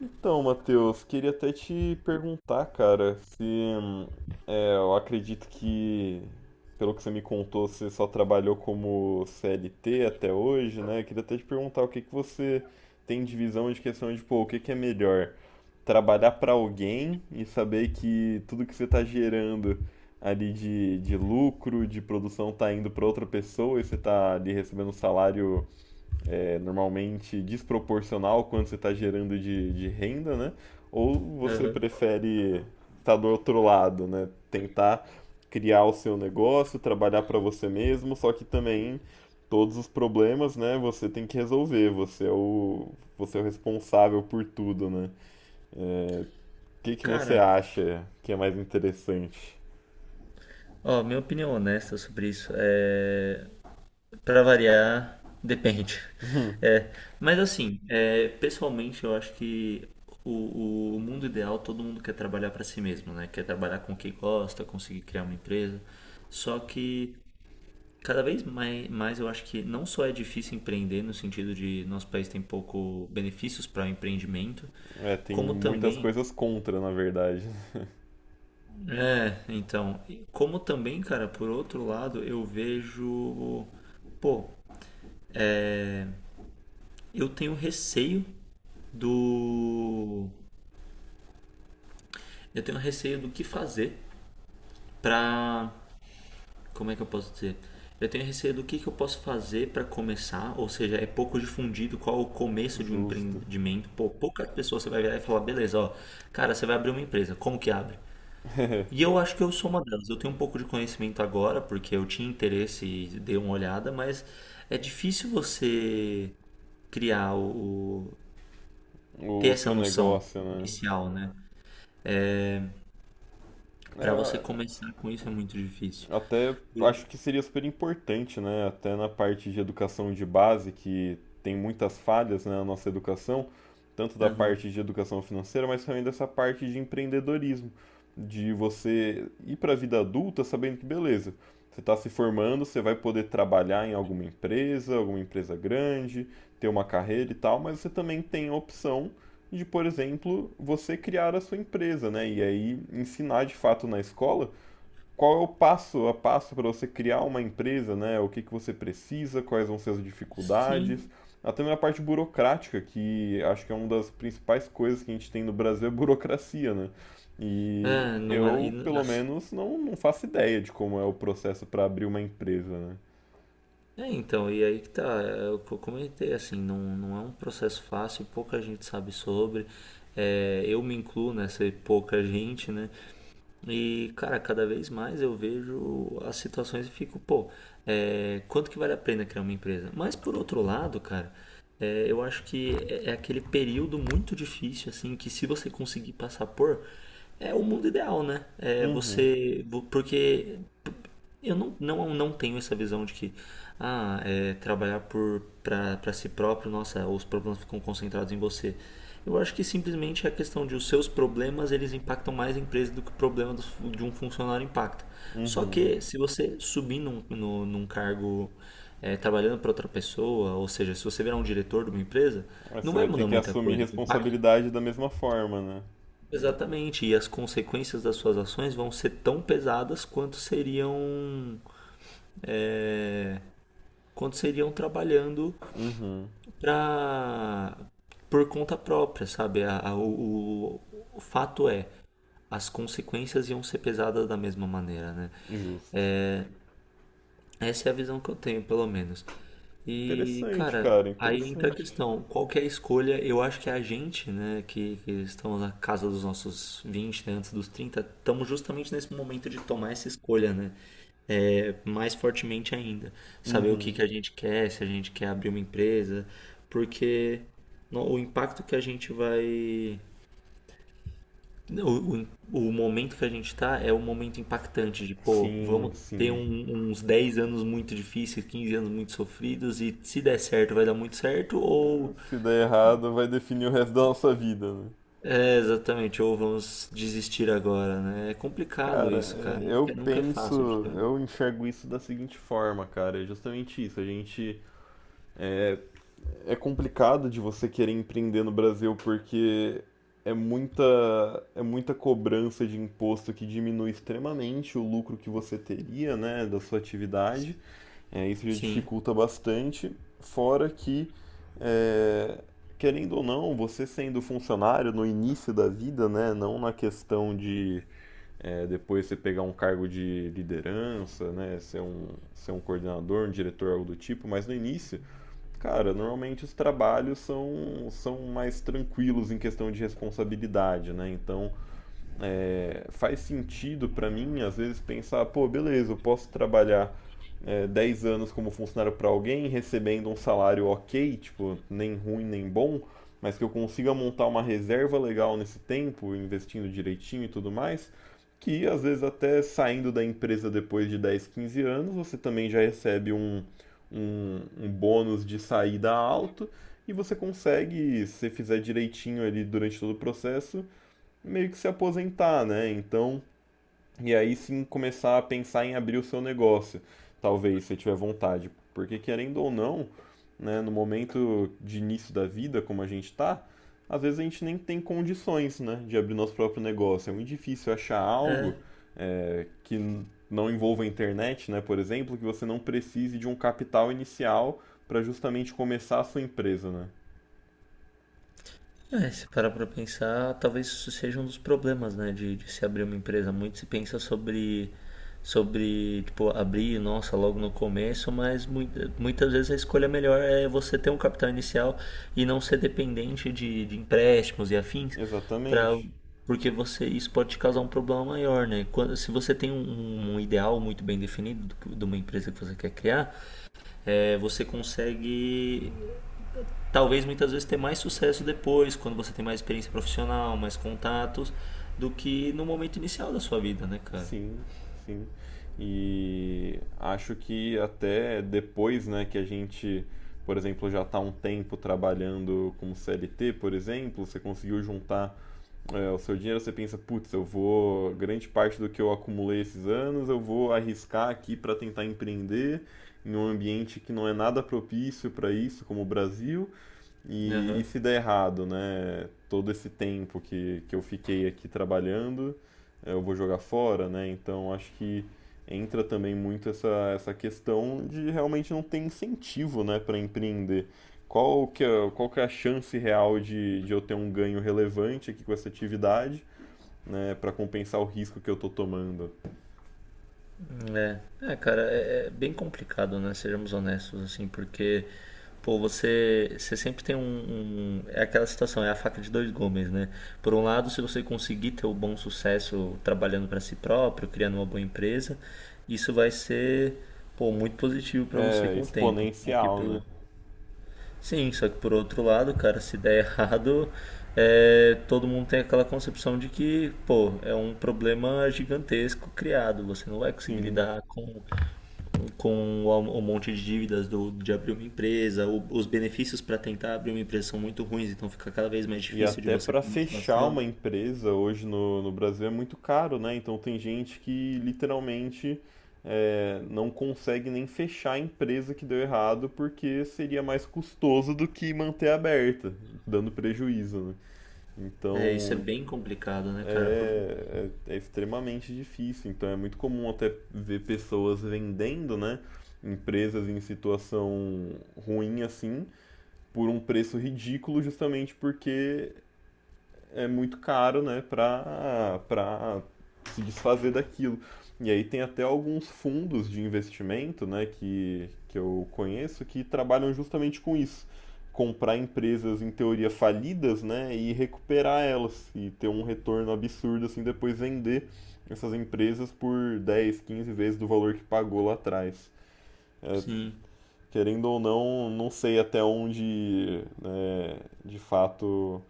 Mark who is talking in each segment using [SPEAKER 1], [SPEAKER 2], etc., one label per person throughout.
[SPEAKER 1] Então, Matheus, queria até te perguntar, cara, se é, eu acredito que, pelo que você me contou, você só trabalhou como CLT até hoje, né? Queria até te perguntar o que que você tem de visão de questão de, pô, o que que é melhor? Trabalhar para alguém e saber que tudo que você está gerando ali de lucro, de produção, tá indo para outra pessoa e você tá ali recebendo um salário normalmente desproporcional ao quanto você está gerando de renda, né? Ou você
[SPEAKER 2] Aham.
[SPEAKER 1] prefere estar do outro lado, né? Tentar criar o seu negócio, trabalhar para você mesmo, só que também todos os problemas, né? Você tem que resolver, você é o responsável por tudo, né? O que que você
[SPEAKER 2] Cara,
[SPEAKER 1] acha que é mais interessante?
[SPEAKER 2] ó, minha opinião honesta sobre isso é, para variar, depende. É, mas assim, é, pessoalmente eu acho que o mundo ideal todo mundo quer trabalhar para si mesmo, né? Quer trabalhar com o que gosta, conseguir criar uma empresa. Só que cada vez mais, eu acho que não só é difícil empreender no sentido de nosso país tem pouco benefícios para o empreendimento,
[SPEAKER 1] É, tem
[SPEAKER 2] como
[SPEAKER 1] muitas
[SPEAKER 2] também
[SPEAKER 1] coisas contra, na verdade.
[SPEAKER 2] é, então, como também, cara, por outro lado, eu vejo, pô, eu tenho receio do, eu tenho receio do que fazer pra, como é que eu posso dizer? Eu tenho receio do que eu posso fazer pra começar, ou seja, é pouco difundido qual o começo de um
[SPEAKER 1] Justo.
[SPEAKER 2] empreendimento. Pô, pouca pessoa você vai virar e falar, beleza, ó, cara, você vai abrir uma empresa, como que abre? E eu acho que eu sou uma delas. Eu tenho um pouco de conhecimento agora, porque eu tinha interesse e dei uma olhada, mas é difícil você criar ter
[SPEAKER 1] O
[SPEAKER 2] essa
[SPEAKER 1] seu
[SPEAKER 2] noção
[SPEAKER 1] negócio, né?
[SPEAKER 2] inicial, né? Para você
[SPEAKER 1] É,
[SPEAKER 2] começar com isso é muito difícil.
[SPEAKER 1] Até
[SPEAKER 2] Eu-
[SPEAKER 1] acho que seria super importante, né? Até na parte de educação de base, que tem muitas falhas, né, na nossa educação, tanto da
[SPEAKER 2] Aham.
[SPEAKER 1] parte de educação financeira, mas também dessa parte de empreendedorismo, de você ir para a vida adulta sabendo que, beleza, você está se formando, você vai poder trabalhar em alguma empresa grande, ter uma carreira e tal, mas você também tem a opção de, por exemplo, você criar a sua empresa, né? E aí ensinar de fato na escola qual é o passo a passo para você criar uma empresa, né? O que que você precisa, quais vão ser as dificuldades,
[SPEAKER 2] Sim.
[SPEAKER 1] até mesmo a parte burocrática, que acho que é uma das principais coisas que a gente tem no Brasil é burocracia, né? E
[SPEAKER 2] É, não é, e
[SPEAKER 1] eu, pelo
[SPEAKER 2] assim,
[SPEAKER 1] menos, não faço ideia de como é o processo para abrir uma empresa, né?
[SPEAKER 2] é, então, e aí que tá, é o que eu comentei, assim, não, não é um processo fácil, pouca gente sabe sobre, é, eu me incluo nessa pouca gente, né? E, cara, cada vez mais eu vejo as situações e fico, pô, é, quanto que vale a pena criar uma empresa? Mas por outro lado, cara, é, eu acho que é aquele período muito difícil, assim, que se você conseguir passar por, é o mundo ideal, né? É
[SPEAKER 1] Uhum,
[SPEAKER 2] você, porque eu não tenho essa visão de que ah, é, trabalhar por para si próprio, nossa, os problemas ficam concentrados em você. Eu acho que simplesmente é a questão de os seus problemas eles impactam mais a empresa do que de um funcionário impacta. Só
[SPEAKER 1] uhum.
[SPEAKER 2] que se você subir num, no- num cargo é, trabalhando para outra pessoa, ou seja, se você virar um diretor de uma empresa,
[SPEAKER 1] Mas
[SPEAKER 2] não
[SPEAKER 1] você
[SPEAKER 2] vai
[SPEAKER 1] vai ter
[SPEAKER 2] mudar
[SPEAKER 1] que
[SPEAKER 2] muita
[SPEAKER 1] assumir
[SPEAKER 2] coisa. O impacto,
[SPEAKER 1] responsabilidade da mesma forma, né?
[SPEAKER 2] exatamente, e as consequências das suas ações vão ser tão pesadas quanto seriam é, quando seriam trabalhando
[SPEAKER 1] Uhum,
[SPEAKER 2] pra, por conta própria, sabe? O fato é, as consequências iam ser pesadas da mesma maneira, né?
[SPEAKER 1] justo.
[SPEAKER 2] Essa é a visão que eu tenho, pelo menos. E,
[SPEAKER 1] Interessante,
[SPEAKER 2] cara,
[SPEAKER 1] cara,
[SPEAKER 2] aí entra a
[SPEAKER 1] interessante.
[SPEAKER 2] questão, qual que é a escolha? Eu acho que é a gente, né, que estamos na casa dos nossos 20, né, antes dos 30, estamos justamente nesse momento de tomar essa escolha, né? É, mais fortemente ainda. Saber o que
[SPEAKER 1] Uhum.
[SPEAKER 2] que a gente quer, se a gente quer abrir uma empresa, porque o impacto que a gente vai. O, o momento que a gente está é um momento impactante de, pô,
[SPEAKER 1] Sim,
[SPEAKER 2] vamos ter
[SPEAKER 1] sim.
[SPEAKER 2] uns 10 anos muito difíceis, 15 anos muito sofridos, e se der certo, vai dar muito certo, ou.
[SPEAKER 1] Se der errado, vai definir o resto da nossa vida, né?
[SPEAKER 2] É, exatamente, ou vamos desistir agora, né? É complicado
[SPEAKER 1] Cara,
[SPEAKER 2] isso, cara.
[SPEAKER 1] é, eu
[SPEAKER 2] Nunca, é, nunca é
[SPEAKER 1] penso,
[SPEAKER 2] fácil. De
[SPEAKER 1] eu
[SPEAKER 2] um-
[SPEAKER 1] enxergo isso da seguinte forma, cara, é justamente isso. É, é complicado de você querer empreender no Brasil porque é muita é muita cobrança de imposto que diminui extremamente o lucro que você teria, né, da sua atividade. É, isso já
[SPEAKER 2] Sim.
[SPEAKER 1] dificulta bastante, fora que, é, querendo ou não, você sendo funcionário no início da vida, né, não na questão de depois você pegar um cargo de liderança, né, ser um coordenador, um diretor, algo do tipo, mas no início, cara, normalmente os trabalhos são mais tranquilos em questão de responsabilidade, né, então faz sentido para mim, às vezes, pensar, pô, beleza, eu posso trabalhar 10 anos como funcionário para alguém, recebendo um salário ok, tipo, nem ruim nem bom, mas que eu consiga montar uma reserva legal nesse tempo, investindo direitinho e tudo mais, que às vezes até saindo da empresa depois de 10, 15 anos, você também já recebe um bônus de saída alto e você consegue, se fizer direitinho ali durante todo o processo, meio que se aposentar, né? Então, e aí sim começar a pensar em abrir o seu negócio, talvez, se tiver vontade. Porque querendo ou não, né, no momento de início da vida, como a gente tá, às vezes a gente nem tem condições, né, de abrir nosso próprio negócio. É muito difícil achar algo
[SPEAKER 2] É.
[SPEAKER 1] que não envolva a internet, né, por exemplo, que você não precise de um capital inicial para justamente começar a sua empresa, né?
[SPEAKER 2] É, se parar pra pensar, talvez isso seja um dos problemas, né, de se abrir uma empresa. Muito se pensa sobre, sobre, tipo, abrir, nossa, logo no começo, mas muitas vezes a escolha melhor é você ter um capital inicial e não ser dependente de empréstimos e afins, pra,
[SPEAKER 1] Exatamente.
[SPEAKER 2] porque você, isso pode te causar um problema maior, né? Quando, se você tem um, ideal muito bem definido do de uma empresa que você quer criar, é, você consegue talvez muitas vezes ter mais sucesso depois, quando você tem mais experiência profissional, mais contatos, do que no momento inicial da sua vida, né, cara?
[SPEAKER 1] Sim, sim. E acho que até depois, né, que a gente, por exemplo, já está um tempo trabalhando como CLT, por exemplo, você conseguiu juntar, o seu dinheiro, você pensa, putz, eu vou, grande parte do que eu acumulei esses anos, eu vou arriscar aqui para tentar empreender em um ambiente que não é nada propício para isso, como o Brasil, e
[SPEAKER 2] Uhum.
[SPEAKER 1] se der errado, né? Todo esse tempo que eu fiquei aqui trabalhando, eu vou jogar fora, né? Então acho que entra também muito essa questão de realmente não ter incentivo, né, para empreender. Qual que é a chance real de eu ter um ganho relevante aqui com essa atividade, né, para compensar o risco que eu tô tomando?
[SPEAKER 2] É. É, cara, é, bem complicado, né? Sejamos honestos, assim, porque, pô, você, você sempre tem é aquela situação, é a faca de dois gumes, né? Por um lado, se você conseguir ter o bom sucesso trabalhando para si próprio, criando uma boa empresa, isso vai ser, pô, muito positivo para você
[SPEAKER 1] É
[SPEAKER 2] com o tempo. Só que
[SPEAKER 1] exponencial, né?
[SPEAKER 2] pelo, sim, só que por outro lado, cara, se der errado, é, todo mundo tem aquela concepção de que, pô, é um problema gigantesco criado. Você não vai conseguir
[SPEAKER 1] Sim.
[SPEAKER 2] lidar com o monte de dívidas do, de abrir uma empresa. O- os benefícios para tentar abrir uma empresa são muito ruins, então fica cada vez mais
[SPEAKER 1] E
[SPEAKER 2] difícil de
[SPEAKER 1] até
[SPEAKER 2] você
[SPEAKER 1] para
[SPEAKER 2] ter
[SPEAKER 1] fechar uma
[SPEAKER 2] motivação.
[SPEAKER 1] empresa hoje no Brasil é muito caro, né? Então tem gente que literalmente não consegue nem fechar a empresa que deu errado porque seria mais custoso do que manter aberta, dando prejuízo, né?
[SPEAKER 2] É, isso é
[SPEAKER 1] Então
[SPEAKER 2] bem complicado, né, cara? Por-
[SPEAKER 1] é extremamente difícil. Então é muito comum até ver pessoas vendendo, né? Empresas em situação ruim assim, por um preço ridículo, justamente porque é muito caro, né, para se desfazer daquilo. E aí tem até alguns fundos de investimento, né, que eu conheço que trabalham justamente com isso. Comprar empresas em teoria falidas, né, e recuperar elas e ter um retorno absurdo assim depois vender essas empresas por 10, 15 vezes do valor que pagou lá atrás.
[SPEAKER 2] Sim,
[SPEAKER 1] Querendo ou não, não sei até onde né, de fato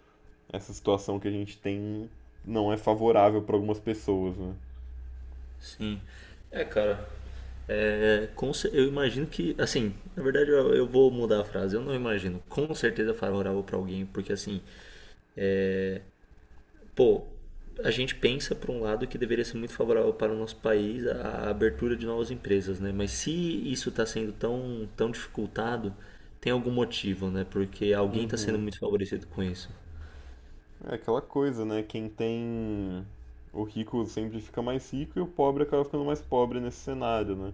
[SPEAKER 1] essa situação que a gente tem não é favorável para algumas pessoas, né?
[SPEAKER 2] sim. É, cara. É, com eu imagino que, assim, na verdade eu vou mudar a frase. Eu não imagino com certeza é favorável para alguém, porque assim, pô, a gente pensa por um lado que deveria ser muito favorável para o nosso país a abertura de novas empresas, né? Mas se isso está sendo tão, tão dificultado, tem algum motivo, né? Porque alguém está sendo
[SPEAKER 1] Uhum.
[SPEAKER 2] muito favorecido com isso.
[SPEAKER 1] É aquela coisa, né? Quem tem. O rico sempre fica mais rico e o pobre acaba ficando mais pobre nesse cenário, né?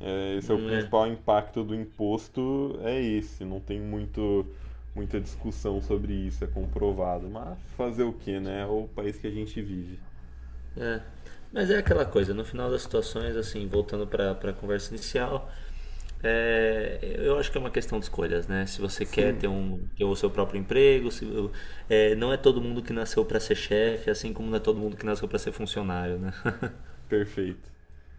[SPEAKER 1] É, esse é o
[SPEAKER 2] É.
[SPEAKER 1] principal impacto do imposto, é esse. Não tem muito, muita discussão sobre isso, é comprovado. Mas fazer o quê, né? É o país que a gente vive.
[SPEAKER 2] É. Mas é aquela coisa, no final das situações, assim, voltando para a conversa inicial, é, eu acho que é uma questão de escolhas, né? Se você quer
[SPEAKER 1] Sim,
[SPEAKER 2] ter, um, ter o seu próprio emprego, se, é, não é todo mundo que nasceu para ser chefe, assim como não é todo mundo que nasceu para ser funcionário, né?
[SPEAKER 1] perfeito.